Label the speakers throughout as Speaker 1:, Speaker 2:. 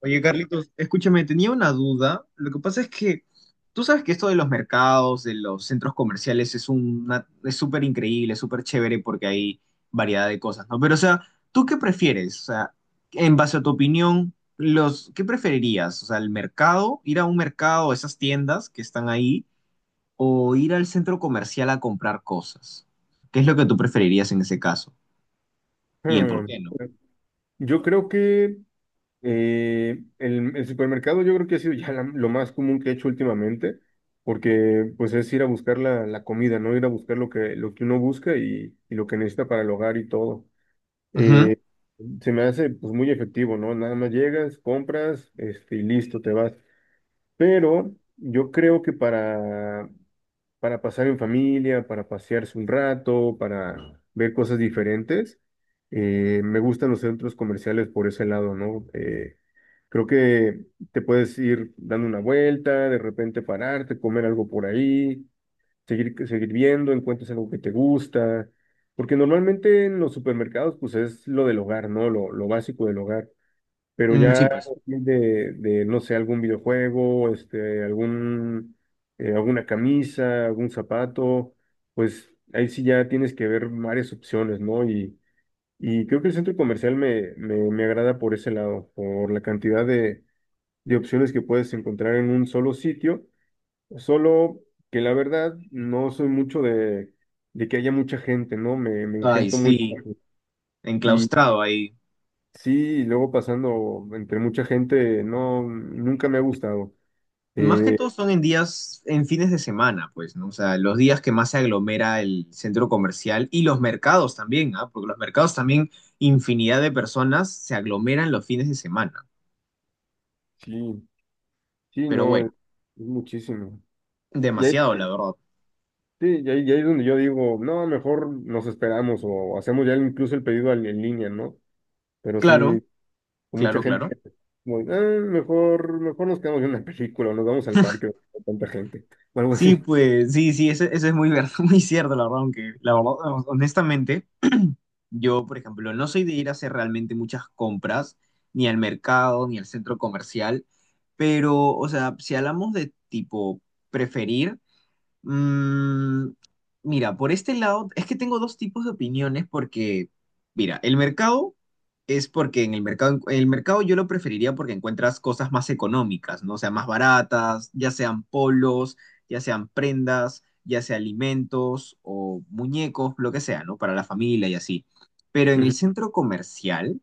Speaker 1: Oye, Carlitos, escúchame, tenía una duda. Lo que pasa es que tú sabes que esto de los mercados, de los centros comerciales, es súper increíble, súper chévere porque hay variedad de cosas, ¿no? Pero, o sea, ¿tú qué prefieres? O sea, en base a tu opinión, ¿qué preferirías? O sea, el mercado, ir a un mercado, esas tiendas que están ahí, o ir al centro comercial a comprar cosas. ¿Qué es lo que tú preferirías en ese caso? Y el por
Speaker 2: Hmm,
Speaker 1: qué, ¿no?
Speaker 2: Yo creo que el supermercado yo creo que ha sido ya la- lo más común que he hecho últimamente, porque pues es ir a buscar la comida, ¿no? Ir a buscar lo que uno busca y lo que necesita para el hogar y todo.
Speaker 1: Ujú.
Speaker 2: Eh, se me hace pues muy efectivo, ¿no? Nada más llegas, compras, este, y listo, te vas. Pero yo creo que para pasar en familia, para pasearse un rato, para ver cosas diferentes. Me gustan los centros comerciales por ese lado, ¿no? Creo que te puedes ir dando una vuelta, de repente pararte, comer algo por ahí, seguir viendo, encuentras algo que te gusta, porque normalmente en los supermercados pues es lo del hogar, ¿no? Lo básico del hogar. Pero
Speaker 1: Mm, sí,
Speaker 2: ya
Speaker 1: pues.
Speaker 2: no sé, algún videojuego, este, alguna camisa, algún zapato, pues ahí sí ya tienes que ver varias opciones, ¿no? Y creo que el centro comercial me agrada por ese lado, por la cantidad de opciones que puedes encontrar en un solo sitio, solo que la verdad no soy mucho de que haya mucha gente, ¿no? Me
Speaker 1: Ay,
Speaker 2: engento muy
Speaker 1: sí,
Speaker 2: fácil.
Speaker 1: enclaustrado ahí.
Speaker 2: Sí, y luego pasando entre mucha gente, no, nunca me ha gustado.
Speaker 1: Más que
Speaker 2: Eh,
Speaker 1: todo son en días, en fines de semana, pues, ¿no? O sea, los días que más se aglomera el centro comercial y los mercados también, ¿ah? Porque los mercados también, infinidad de personas se aglomeran los fines de semana.
Speaker 2: sí, sí,
Speaker 1: Pero
Speaker 2: no,
Speaker 1: bueno,
Speaker 2: es muchísimo. Y ahí,
Speaker 1: demasiado, la verdad.
Speaker 2: sí, y ahí es donde yo digo, no, mejor nos esperamos o hacemos ya incluso el pedido al- en línea, ¿no? Pero
Speaker 1: Claro,
Speaker 2: sí, con mucha
Speaker 1: claro,
Speaker 2: gente,
Speaker 1: claro.
Speaker 2: como, "Ah, mejor, mejor nos quedamos en una película o nos vamos al parque, con tanta gente, o algo así."
Speaker 1: Sí, pues, sí, sí, eso es muy cierto, la verdad, aunque, la verdad, honestamente, yo, por ejemplo, no soy de ir a hacer realmente muchas compras, ni al mercado, ni al centro comercial, pero, o sea, si hablamos de tipo preferir. Mm, mira, por este lado, es que tengo dos tipos de opiniones porque, mira, el mercado es porque en el mercado, yo lo preferiría porque encuentras cosas más económicas, ¿no? O sea, más baratas, ya sean polos, ya sean prendas, ya sea alimentos o muñecos, lo que sea, ¿no? Para la familia y así. Pero en el
Speaker 2: Ujú,
Speaker 1: centro comercial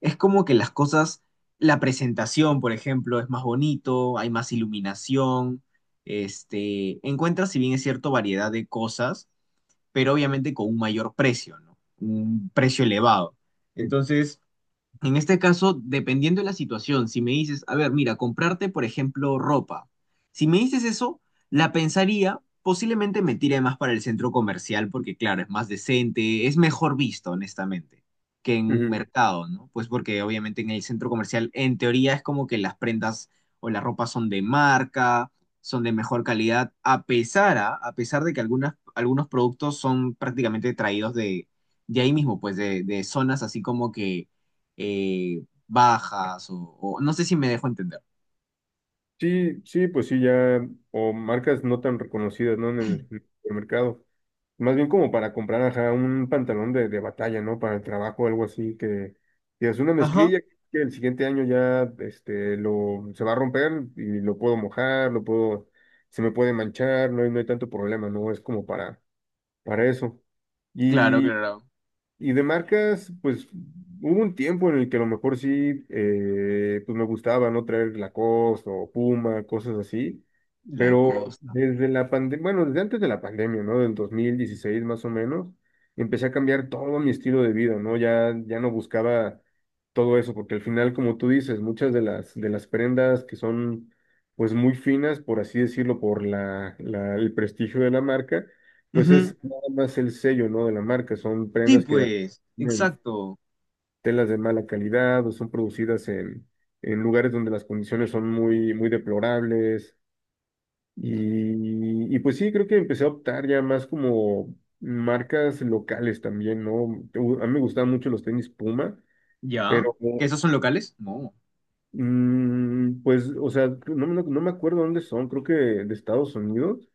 Speaker 1: es como que las cosas, la presentación, por ejemplo, es más bonito, hay más iluminación, encuentras, si bien es cierto, variedad de cosas, pero obviamente con un mayor precio, ¿no? Un precio elevado.
Speaker 2: sí,
Speaker 1: Entonces, en este caso, dependiendo de la situación, si me dices, a ver, mira, comprarte, por ejemplo, ropa. Si me dices eso, la pensaría, posiblemente me tire más para el centro comercial porque, claro, es más decente, es mejor visto, honestamente, que en un
Speaker 2: ujú.
Speaker 1: mercado, ¿no? Pues porque obviamente en el centro comercial, en teoría, es como que las prendas o la ropa son de marca, son de mejor calidad, a pesar de que algunos productos son prácticamente traídos de ahí mismo, pues de zonas así como que bajas no sé si me dejo entender.
Speaker 2: Sí, sí, pues sí, ya, o marcas no tan reconocidas, ¿no? En el supermercado. Más bien como para comprar ajá, un pantalón de batalla, ¿no? Para el trabajo, algo así, que es una
Speaker 1: Ajá.
Speaker 2: mezclilla que el siguiente año ya este, lo, se va a romper y lo puedo mojar, lo puedo, se me puede manchar, no hay, no hay tanto problema, ¿no? Es como para eso.
Speaker 1: Claro, claro.
Speaker 2: Y de marcas, pues hubo un tiempo en el que a lo mejor sí, pues me gustaba, ¿no? Traer Lacoste o Puma, cosas así.
Speaker 1: La
Speaker 2: Pero
Speaker 1: costa.
Speaker 2: desde la pandemia, bueno, desde antes de la pandemia, ¿no? Del 2016 más o menos, empecé a cambiar todo mi estilo de vida, ¿no? Ya, ya no buscaba todo eso, porque al final, como tú dices, muchas de las prendas que son, pues, muy finas, por así decirlo, por el prestigio de la marca, pues
Speaker 1: Ujú.
Speaker 2: es nada más el sello, ¿no? De la marca. Son
Speaker 1: Sí,
Speaker 2: prendas que
Speaker 1: pues,
Speaker 2: tienen
Speaker 1: exacto.
Speaker 2: telas de mala calidad o son producidas en lugares donde las condiciones son muy, muy deplorables. Y pues sí, creo que empecé a optar ya más como marcas locales también, ¿no? U- A mí me gustaban mucho los tenis Puma,
Speaker 1: ¿Ya?
Speaker 2: pero
Speaker 1: ¿Que esos son locales? No.
Speaker 2: pues, o sea, no, no me acuerdo dónde son, creo que de Estados Unidos.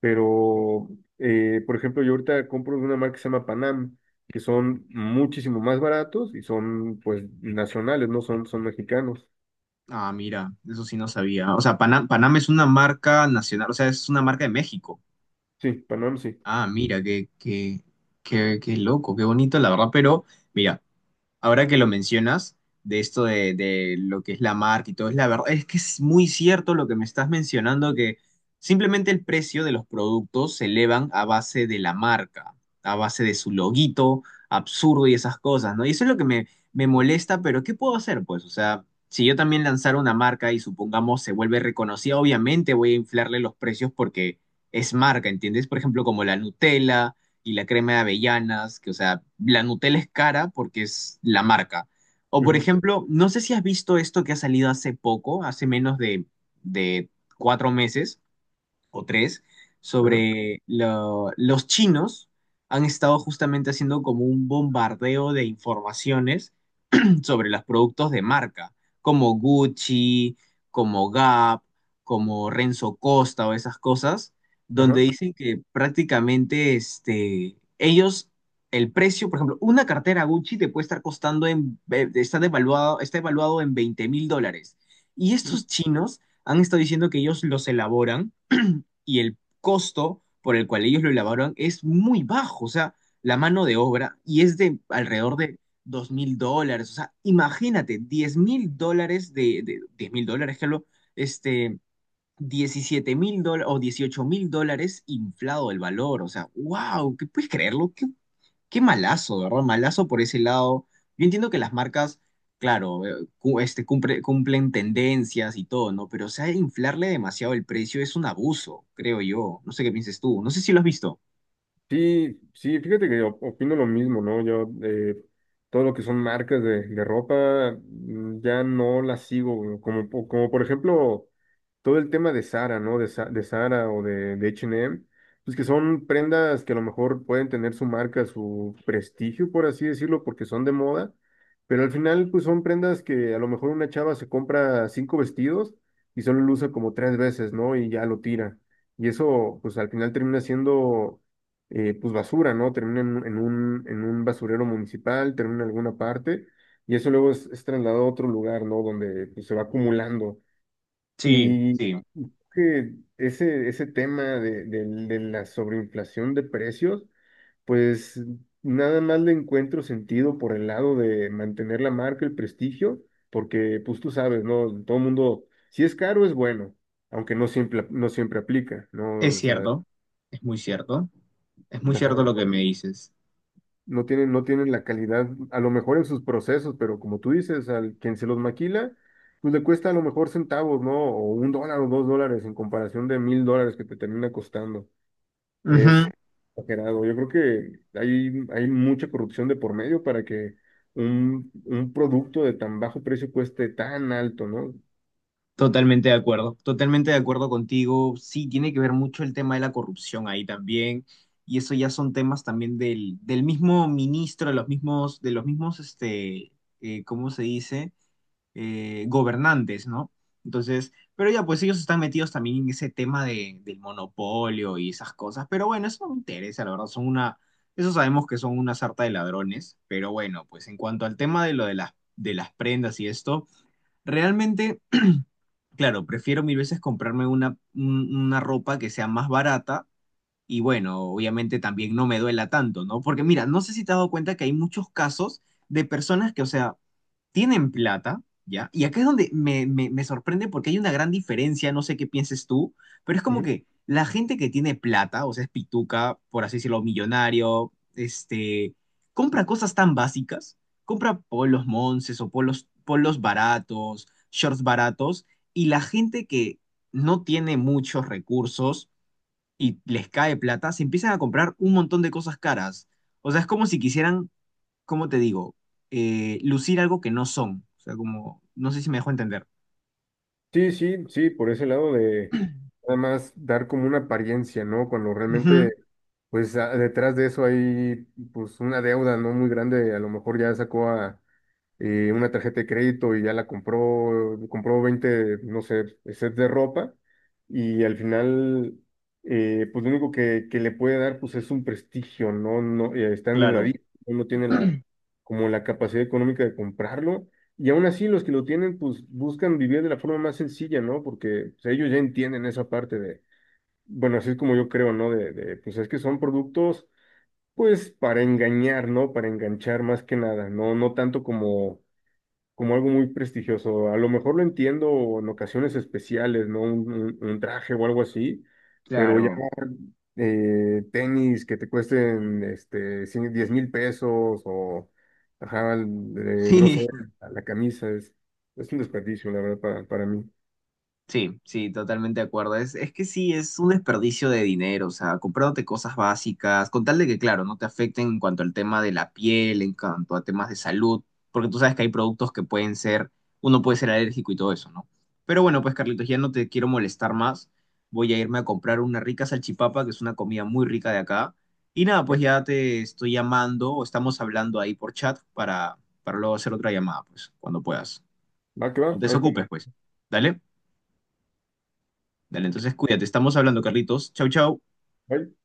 Speaker 2: Pero, por ejemplo, yo ahorita compro de una marca que se llama Panam, que son muchísimo más baratos y son, pues, nacionales, no son, son mexicanos.
Speaker 1: Ah, mira, eso sí no sabía. O sea, Panam Panam es una marca nacional, o sea, es una marca de México.
Speaker 2: Sí, Panam sí.
Speaker 1: Ah, mira, qué loco, qué bonito, la verdad. Pero, mira, ahora que lo mencionas, de esto de lo que es la marca y todo, es la verdad, es que es muy cierto lo que me estás mencionando, que simplemente el precio de los productos se elevan a base de la marca, a base de su loguito absurdo y esas cosas, ¿no? Y eso es lo que me molesta, pero ¿qué puedo hacer, pues? O sea, si yo también lanzara una marca y supongamos se vuelve reconocida, obviamente voy a inflarle los precios porque es marca, ¿entiendes? Por ejemplo, como la Nutella y la crema de avellanas, que o sea, la Nutella es cara porque es la marca. O por
Speaker 2: Ujú,
Speaker 1: ejemplo, no sé si has visto esto que ha salido hace poco, hace menos de 4 meses o 3,
Speaker 2: ajá,
Speaker 1: sobre los chinos han estado justamente haciendo como un bombardeo de informaciones sobre los productos de marca, como Gucci, como Gap, como Renzo Costa o esas cosas, donde
Speaker 2: ajá.
Speaker 1: dicen que prácticamente el precio, por ejemplo, una cartera Gucci te puede estar costando, está evaluado en 20.000 dólares. Y estos chinos han estado diciendo que ellos los elaboran y el costo por el cual ellos lo elaboran es muy bajo, o sea, la mano de obra y es de alrededor de 2.000 dólares, o sea, imagínate, 10.000 dólares de 10 mil dólares, Carlos, este, 17.000 dólares o 18.000 dólares inflado el valor, o sea, wow, ¿qué puedes creerlo? ¡Qué malazo, ¿verdad?! Malazo por ese lado. Yo entiendo que las marcas, claro, cumplen tendencias y todo, ¿no? Pero, o sea, inflarle demasiado el precio es un abuso, creo yo. No sé qué pienses tú. No sé si lo has visto.
Speaker 2: Sí, sí, fíjate que op- opino lo mismo, ¿no? Yo, todo lo que son marcas de ropa, ya no las sigo, güey. Como, po- como por ejemplo, todo el tema de Zara, ¿no? De, Sa- de Zara o de H&M, pues que son prendas que a lo mejor pueden tener su marca, su prestigio, por así decirlo, porque son de moda, pero al final, pues son prendas que a lo mejor una chava se compra cinco vestidos y solo lo usa como tres veces, ¿no? Y ya lo tira. Y eso, pues al final termina siendo pues basura, ¿no? Termina en, un, en un basurero municipal, termina en alguna parte, y eso luego es trasladado a otro lugar, ¿no? Donde pues, se va acumulando.
Speaker 1: Sí,
Speaker 2: Y
Speaker 1: sí,
Speaker 2: que ese tema de, del- de la sobreinflación de precios, pues nada más le encuentro sentido por el lado de mantener la marca, el prestigio, porque pues tú sabes, ¿no? Todo el mundo, si es caro, es bueno, aunque no siempre, no siempre aplica, ¿no?
Speaker 1: es
Speaker 2: O sea,
Speaker 1: cierto, es muy cierto, es muy
Speaker 2: ajá,
Speaker 1: cierto lo que me dices.
Speaker 2: no tienen, no tienen la calidad, a lo mejor en sus procesos, pero como tú dices, al quien se los maquila, pues le cuesta a lo mejor centavos, ¿no? O $1 o $2 en comparación de $1,000 que te termina costando. Es exagerado. Yo creo que hay mucha corrupción de por medio para que un producto de tan bajo precio cueste tan alto, ¿no?
Speaker 1: Totalmente de acuerdo contigo. Sí, tiene que ver mucho el tema de la corrupción ahí también, y eso ya son temas también del mismo ministro, de los mismos, ¿cómo se dice? Gobernantes, ¿no? Entonces, pero ya, pues ellos están metidos también en ese tema del monopolio y esas cosas, pero bueno, eso no me interesa, la verdad, eso sabemos que son una sarta de ladrones, pero bueno, pues en cuanto al tema de lo de las prendas y esto, realmente... Claro, prefiero mil veces comprarme una ropa que sea más barata y bueno, obviamente también no me duela tanto, ¿no? Porque mira, no sé si te has dado cuenta que hay muchos casos de personas que, o sea, tienen plata, ¿ya? Y acá es donde me sorprende porque hay una gran diferencia, no sé qué pienses tú, pero es como
Speaker 2: Ujú.
Speaker 1: que la gente que tiene plata, o sea, es pituca, por así decirlo, millonario, compra cosas tan básicas, compra polos monces o polos baratos, shorts baratos, y la gente que no tiene muchos recursos y les cae plata, se empiezan a comprar un montón de cosas caras. O sea, es como si quisieran ¿cómo te digo? Lucir algo que no son. O sea, como, no sé si me dejo entender.
Speaker 2: Sí, sí, sí, por ese lado de nada más dar como una apariencia, ¿no? Cuando
Speaker 1: Ujú,
Speaker 2: realmente, pues a- detrás de eso hay pues una deuda no muy grande, a lo mejor ya sacó a, una tarjeta de crédito y ya la compró, compró 20 no sé, sets de ropa y al final, pues lo único que le puede dar, pues es un prestigio, ¿no? No, está
Speaker 1: claro,
Speaker 2: endeudadito, no tiene la, como la capacidad económica de comprarlo y aún así los que lo tienen, pues buscan vivir de la forma más sencilla, ¿no? Porque o sea, ellos ya entienden esa parte de, bueno, así es como yo creo, ¿no? De, pues es que son productos... Pues para engañar, ¿no? Para enganchar más que nada, no, no tanto como como algo muy prestigioso. A lo mejor lo entiendo en ocasiones especiales, ¿no? Un traje o algo así, pero ya
Speaker 1: claro.
Speaker 2: tenis que te cuesten este, 100 10,000 pesos o, ajá, no sé,
Speaker 1: Sí,
Speaker 2: la camisa es un desperdicio, la verdad, para mí.
Speaker 1: sí, sí, totalmente de acuerdo. Es que sí, es un desperdicio de dinero, o sea, comprándote cosas básicas, con tal de que, claro, no te afecten en cuanto al tema de la piel, en cuanto a temas de salud, porque tú sabes que hay productos que pueden ser, uno puede ser alérgico y todo eso, ¿no? Pero bueno, pues Carlitos, ya no te quiero molestar más. Voy a irme a comprar una rica salchipapa, que es una comida muy rica de acá. Y nada, pues ya te estoy llamando o estamos hablando ahí por chat para, luego hacer otra llamada, pues, cuando puedas.
Speaker 2: Va que va,
Speaker 1: No te
Speaker 2: ahí está.
Speaker 1: desocupes, pues. ¿Dale? Dale, entonces cuídate. Estamos hablando, Carlitos. Chau, chau.
Speaker 2: Bye.